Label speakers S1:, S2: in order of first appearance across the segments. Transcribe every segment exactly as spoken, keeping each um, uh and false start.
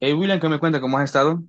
S1: Hey William, ¿qué me cuenta? ¿Cómo has estado?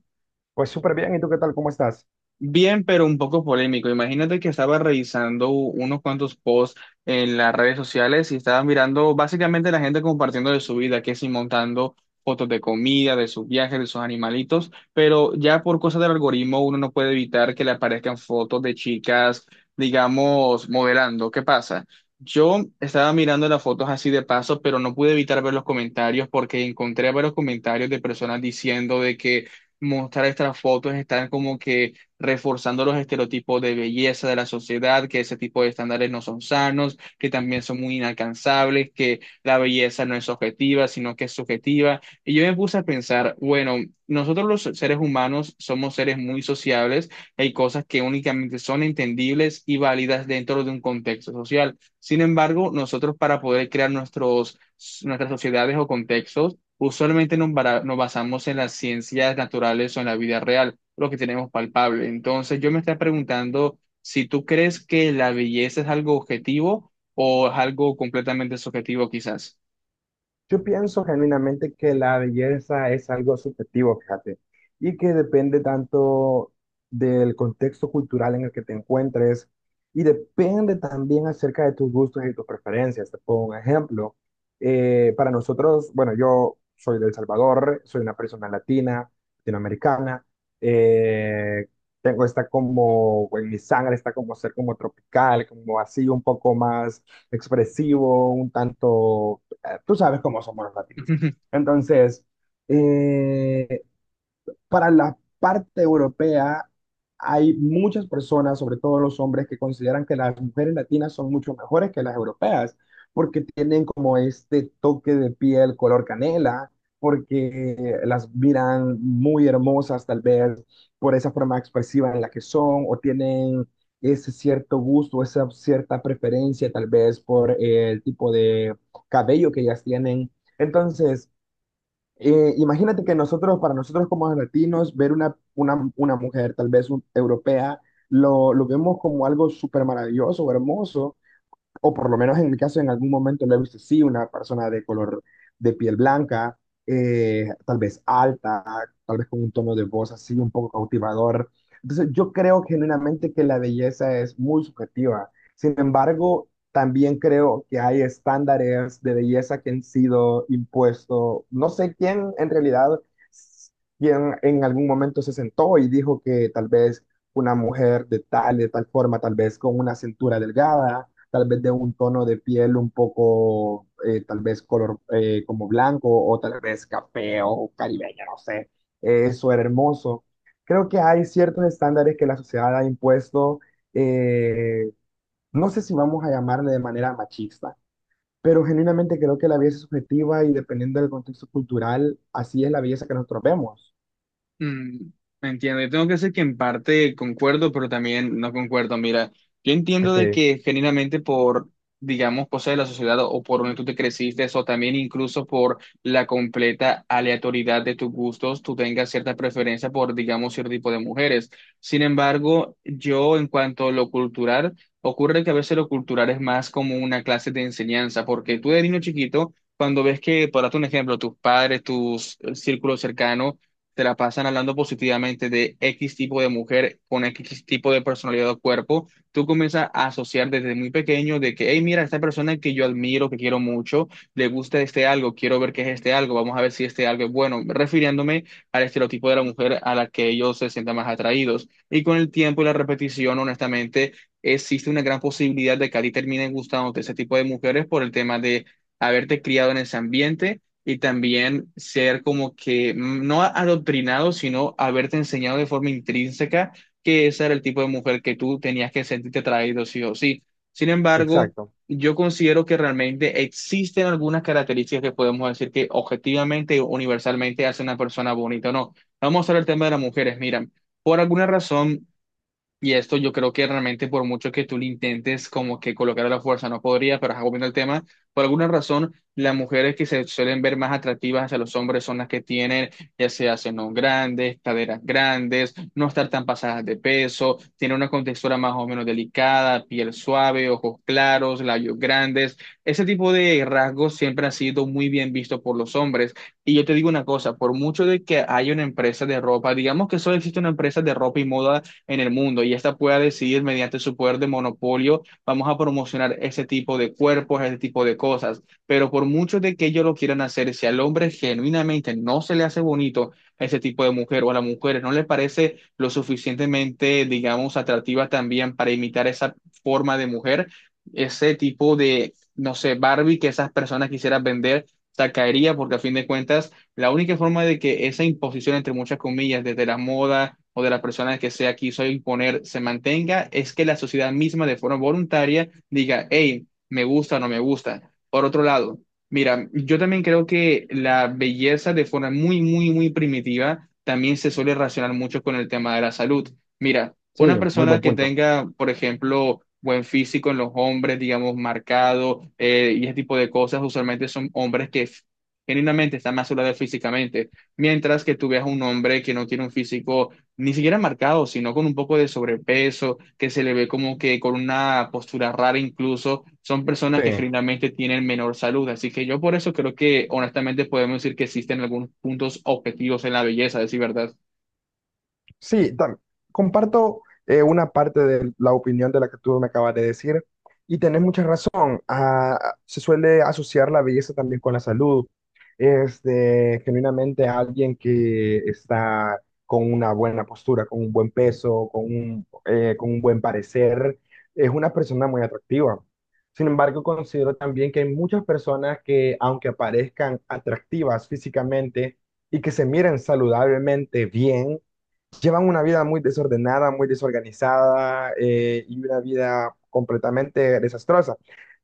S2: Pues súper bien, ¿y tú qué tal? ¿Cómo estás?
S1: Bien, pero un poco polémico. Imagínate que estaba revisando unos cuantos posts en las redes sociales y estaba mirando básicamente la gente compartiendo de su vida, que si montando fotos de comida, de sus viajes, de sus animalitos, pero ya por cosas del algoritmo uno no puede evitar que le aparezcan fotos de chicas, digamos, modelando. ¿Qué pasa? Yo estaba mirando las fotos así de paso, pero no pude evitar ver los comentarios porque encontré varios comentarios de personas diciendo de que mostrar estas fotos están como que reforzando los estereotipos de belleza de la sociedad, que ese tipo de estándares no son sanos, que también son muy inalcanzables, que la belleza no es objetiva, sino que es subjetiva. Y yo me puse a pensar, bueno, nosotros los seres humanos somos seres muy sociables, hay cosas que únicamente son entendibles y válidas dentro de un contexto social. Sin embargo, nosotros para poder crear nuestros, nuestras sociedades o contextos, usualmente nos bara- nos basamos en las ciencias naturales o en la vida real lo que tenemos palpable. Entonces, yo me estaba preguntando si tú crees que la belleza es algo objetivo o es algo completamente subjetivo, quizás.
S2: Yo pienso genuinamente que la belleza es algo subjetivo, fíjate, y que depende tanto del contexto cultural en el que te encuentres y depende también acerca de tus gustos y tus preferencias. Te pongo un ejemplo. Eh, para nosotros, bueno, yo soy de El Salvador, soy una persona latina, latinoamericana, eh, tengo esta como, en mi sangre está como ser como tropical, como así un poco más expresivo, un tanto tú sabes cómo somos los latinos. Entonces, eh, para la parte europea hay muchas personas, sobre todo los hombres, que consideran que las mujeres latinas son mucho mejores que las europeas, porque tienen como este toque de piel color canela, porque las miran muy hermosas tal vez por esa forma expresiva en la que son, o tienen ese cierto gusto, esa cierta preferencia tal vez por eh, el tipo de cabello que ellas tienen. Entonces, eh, imagínate que nosotros, para nosotros como latinos, ver una, una, una mujer, tal vez un- europea, lo, lo vemos como algo súper maravilloso, hermoso, o por lo menos en mi caso en algún momento lo he visto, sí, una persona de color de piel blanca, eh, tal vez alta, tal vez con un tono de voz así un poco cautivador. Entonces yo creo genuinamente que la belleza es muy subjetiva. Sin embargo, también creo que hay estándares de belleza que han sido impuestos. No sé quién en realidad, quién en algún momento se sentó y dijo que tal vez una mujer de tal, de tal forma, tal vez con una cintura delgada, tal vez de un tono de piel un poco, eh, tal vez color eh, como blanco o tal vez café o caribeño, no sé, eh, eso era hermoso. Creo que hay ciertos estándares que la sociedad ha impuesto, eh, no sé si vamos a llamarle de manera machista, pero genuinamente creo que la belleza es subjetiva y dependiendo del contexto cultural, así es la belleza que nosotros vemos.
S1: Mm, entiendo, yo tengo que decir que en parte concuerdo, pero también no concuerdo. Mira, yo entiendo
S2: Ok,
S1: de que genuinamente por, digamos, cosas de la sociedad o por donde tú te creciste, o también incluso por la completa aleatoriedad de tus gustos, tú tengas cierta preferencia por, digamos, cierto tipo de mujeres. Sin embargo, yo en cuanto a lo cultural, ocurre que a veces lo cultural es más como una clase de enseñanza, porque tú de niño chiquito, cuando ves que, por darte un ejemplo, tus padres, tus eh, círculos cercanos, se la pasan hablando positivamente de X tipo de mujer con X tipo de personalidad o cuerpo, tú comienzas a asociar desde muy pequeño de que, hey, mira, esta persona que yo admiro, que quiero mucho, le gusta este algo, quiero ver qué es este algo, vamos a ver si este algo es bueno, refiriéndome al estereotipo de la mujer a la que ellos se sientan más atraídos. Y con el tiempo y la repetición, honestamente, existe una gran posibilidad de que a ti terminen gustándote ese tipo de mujeres por el tema de haberte criado en ese ambiente y también ser como que mm, no adoctrinado, sino haberte enseñado de forma intrínseca que ese era el tipo de mujer que tú tenías que sentirte atraído sí o sí. Sin embargo,
S2: exacto.
S1: yo considero que realmente existen algunas características que podemos decir que objetivamente o universalmente hace una persona bonita o no. Vamos a hablar del tema de las mujeres. Mira, por alguna razón, y esto yo creo que realmente por mucho que tú lo intentes como que colocar a la fuerza no podría, pero ajá, volviendo al tema, por alguna razón las mujeres que se suelen ver más atractivas hacia los hombres son las que tienen ya sea senos grandes, caderas grandes, no estar tan pasadas de peso, tienen una contextura más o menos delicada, piel suave, ojos claros, labios grandes. Ese tipo de rasgos siempre ha sido muy bien visto por los hombres. Y yo te digo una cosa, por mucho de que haya una empresa de ropa, digamos que solo existe una empresa de ropa y moda en el mundo y esta pueda decidir mediante su poder de monopolio, vamos a promocionar ese tipo de cuerpos, ese tipo de cosas. Pero por mucho de que ellos lo quieran hacer, si al hombre genuinamente no se le hace bonito ese tipo de mujer o a las mujeres no le parece lo suficientemente, digamos, atractiva también para imitar esa forma de mujer, ese tipo de, no sé, Barbie que esas personas quisieran vender, se caería porque a fin de cuentas la única forma de que esa imposición, entre muchas comillas, desde la moda o de las personas que sea quiso imponer, se mantenga, es que la sociedad misma de forma voluntaria diga, hey, me gusta o no me gusta. Por otro lado, mira, yo también creo que la belleza de forma muy, muy, muy primitiva también se suele relacionar mucho con el tema de la salud. Mira,
S2: Sí,
S1: una
S2: muy
S1: persona
S2: buen
S1: que
S2: punto.
S1: tenga, por ejemplo, buen físico en los hombres, digamos, marcado eh, y ese tipo de cosas, usualmente son hombres que genuinamente está más de físicamente, mientras que tú veas un hombre que no tiene un físico ni siquiera marcado, sino con un poco de sobrepeso, que se le ve como que con una postura rara incluso, son
S2: Sí.
S1: personas que genuinamente tienen menor salud. Así que yo por eso creo que honestamente podemos decir que existen algunos puntos objetivos en la belleza, a decir verdad.
S2: Sí, tam- comparto eh, una parte de la opinión de la que tú me acabas de decir y tenés mucha razón. Ah, se suele asociar la belleza también con la salud. Este, genuinamente alguien que está con una buena postura, con un buen peso, con un, eh, con un buen parecer, es una persona muy atractiva. Sin embargo, considero también que hay muchas personas que, aunque aparezcan atractivas físicamente y que se miren saludablemente bien, llevan una vida muy desordenada, muy desorganizada eh, y una vida completamente desastrosa.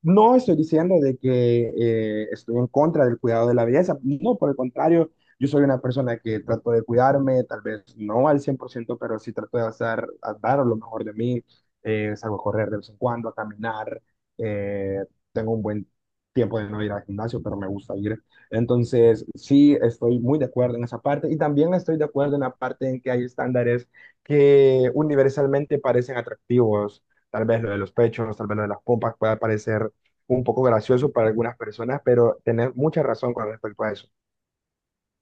S2: No estoy diciendo de que eh, estoy en contra del cuidado de la belleza, no, por el contrario, yo soy una persona que trato de cuidarme, tal vez no al cien por ciento pero sí trato de hacer, a dar lo mejor de mí, eh, salgo a correr de vez en cuando, a caminar, eh, tengo un buen tiempo de no ir al gimnasio, pero me gusta ir. Entonces, sí, estoy muy de acuerdo en esa parte y también estoy de acuerdo en la parte en que hay estándares que universalmente parecen atractivos. Tal vez lo de los pechos, tal vez lo de las pompas pueda parecer un poco gracioso para algunas personas, pero tenés mucha razón con respecto a eso.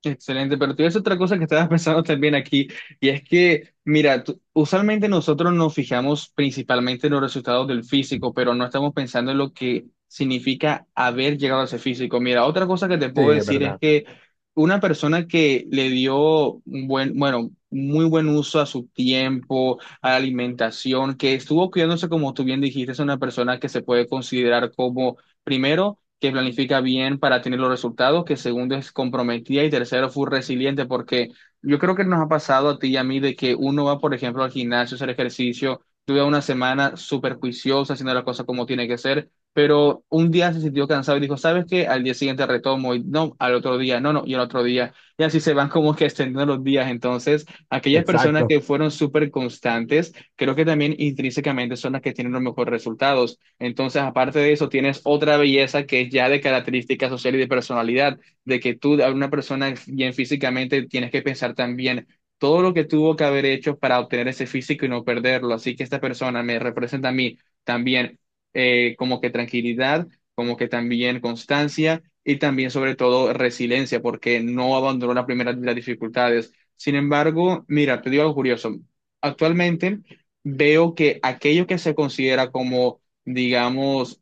S1: Excelente, pero tú ves otra cosa que estabas pensando también aquí, y es que, mira, tú- usualmente nosotros nos fijamos principalmente en los resultados del físico, pero no estamos pensando en lo que significa haber llegado a ese físico. Mira, otra cosa que te
S2: Sí,
S1: puedo
S2: es
S1: decir es
S2: verdad.
S1: que una persona que le dio un buen, bueno, muy buen uso a su tiempo, a la alimentación, que estuvo cuidándose como tú bien dijiste, es una persona que se puede considerar como, primero, que planifica bien para tener los resultados, que segundo es comprometida y tercero fue resiliente, porque yo creo que nos ha pasado a ti y a mí de que uno va, por ejemplo, al gimnasio a hacer ejercicio, tuve una semana súper juiciosa haciendo las cosas como tiene que ser, pero un día se sintió cansado y dijo, ¿sabes qué? Al día siguiente retomo y no, al otro día, no, no, y al otro día. Y así se van como que extendiendo los días. Entonces, aquellas personas
S2: Exacto.
S1: que fueron súper constantes, creo que también intrínsecamente son las que tienen los mejores resultados. Entonces, aparte de eso, tienes otra belleza que es ya de característica social y de personalidad, de que tú, a una persona bien físicamente, tienes que pensar también todo lo que tuvo que haber hecho para obtener ese físico y no perderlo. Así que esta persona me representa a mí también eh, como que tranquilidad, como que también constancia y también sobre todo resiliencia, porque no abandonó la primera de las dificultades. Sin embargo, mira, te digo algo curioso. Actualmente veo que aquello que se considera como digamos,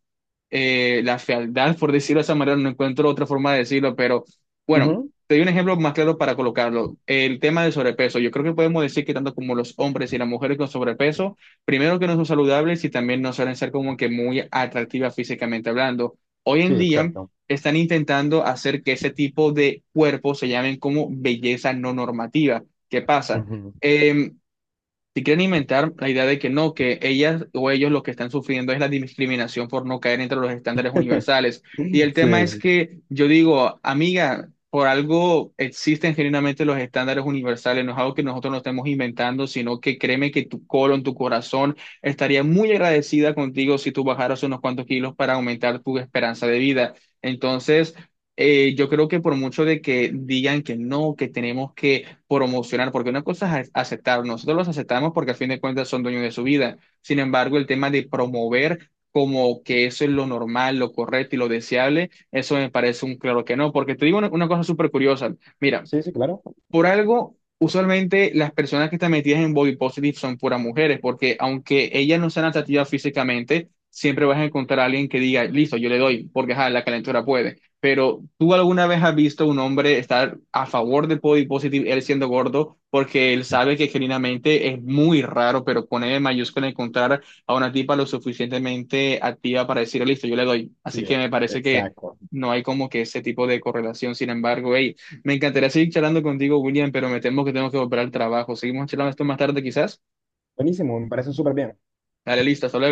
S1: eh, la fealdad, por decirlo de esa manera, no encuentro otra forma de decirlo, pero bueno,
S2: Ujú.
S1: te doy un ejemplo más claro para colocarlo. El tema del sobrepeso. Yo creo que podemos decir que tanto como los hombres y las mujeres con sobrepeso, primero que no son saludables y también no suelen ser como que muy atractivas físicamente hablando. Hoy en
S2: Sí,
S1: día
S2: exacto.
S1: están intentando hacer que ese tipo de cuerpos se llamen como belleza no normativa. ¿Qué pasa?
S2: Ujú.
S1: Em, si quieren inventar la idea de que no, que ellas o ellos lo que están sufriendo es la discriminación por no caer entre los estándares universales. Y el tema es
S2: Sí,
S1: que yo digo, amiga, por algo existen genuinamente los estándares universales, no es algo que nosotros nos estemos inventando, sino que créeme que tu colon, tu corazón estaría muy agradecida contigo si tú bajaras unos cuantos kilos para aumentar tu esperanza de vida. Entonces, eh, yo creo que por mucho de que digan que no, que tenemos que promocionar, porque una cosa es aceptar, nosotros los aceptamos porque al fin de cuentas son dueños de su vida. Sin embargo, el tema de promover como que eso es lo normal, lo correcto y lo deseable, eso me parece un claro que no, porque te digo una, una cosa súper curiosa. Mira,
S2: sí, sí, claro.
S1: por algo, usualmente las personas que están metidas en body positive son puras mujeres, porque aunque ellas no sean atractivas físicamente, siempre vas a encontrar a alguien que diga, listo, yo le doy, porque ajá, la calentura puede. Pero ¿tú alguna vez has visto a un hombre estar a favor del body positive, él siendo gordo, porque él sabe que genuinamente es muy raro, pero con E mayúscula encontrar a una tipa lo suficientemente activa para decir, listo, yo le doy?
S2: Sí,
S1: Así que me parece que
S2: exacto.
S1: no hay como que ese tipo de correlación. Sin embargo, hey, me encantaría seguir charlando contigo, William, pero me temo que tengo que volver al trabajo. Seguimos charlando esto más tarde, quizás.
S2: Buenísimo, me parece súper bien.
S1: Dale, lista, hasta luego.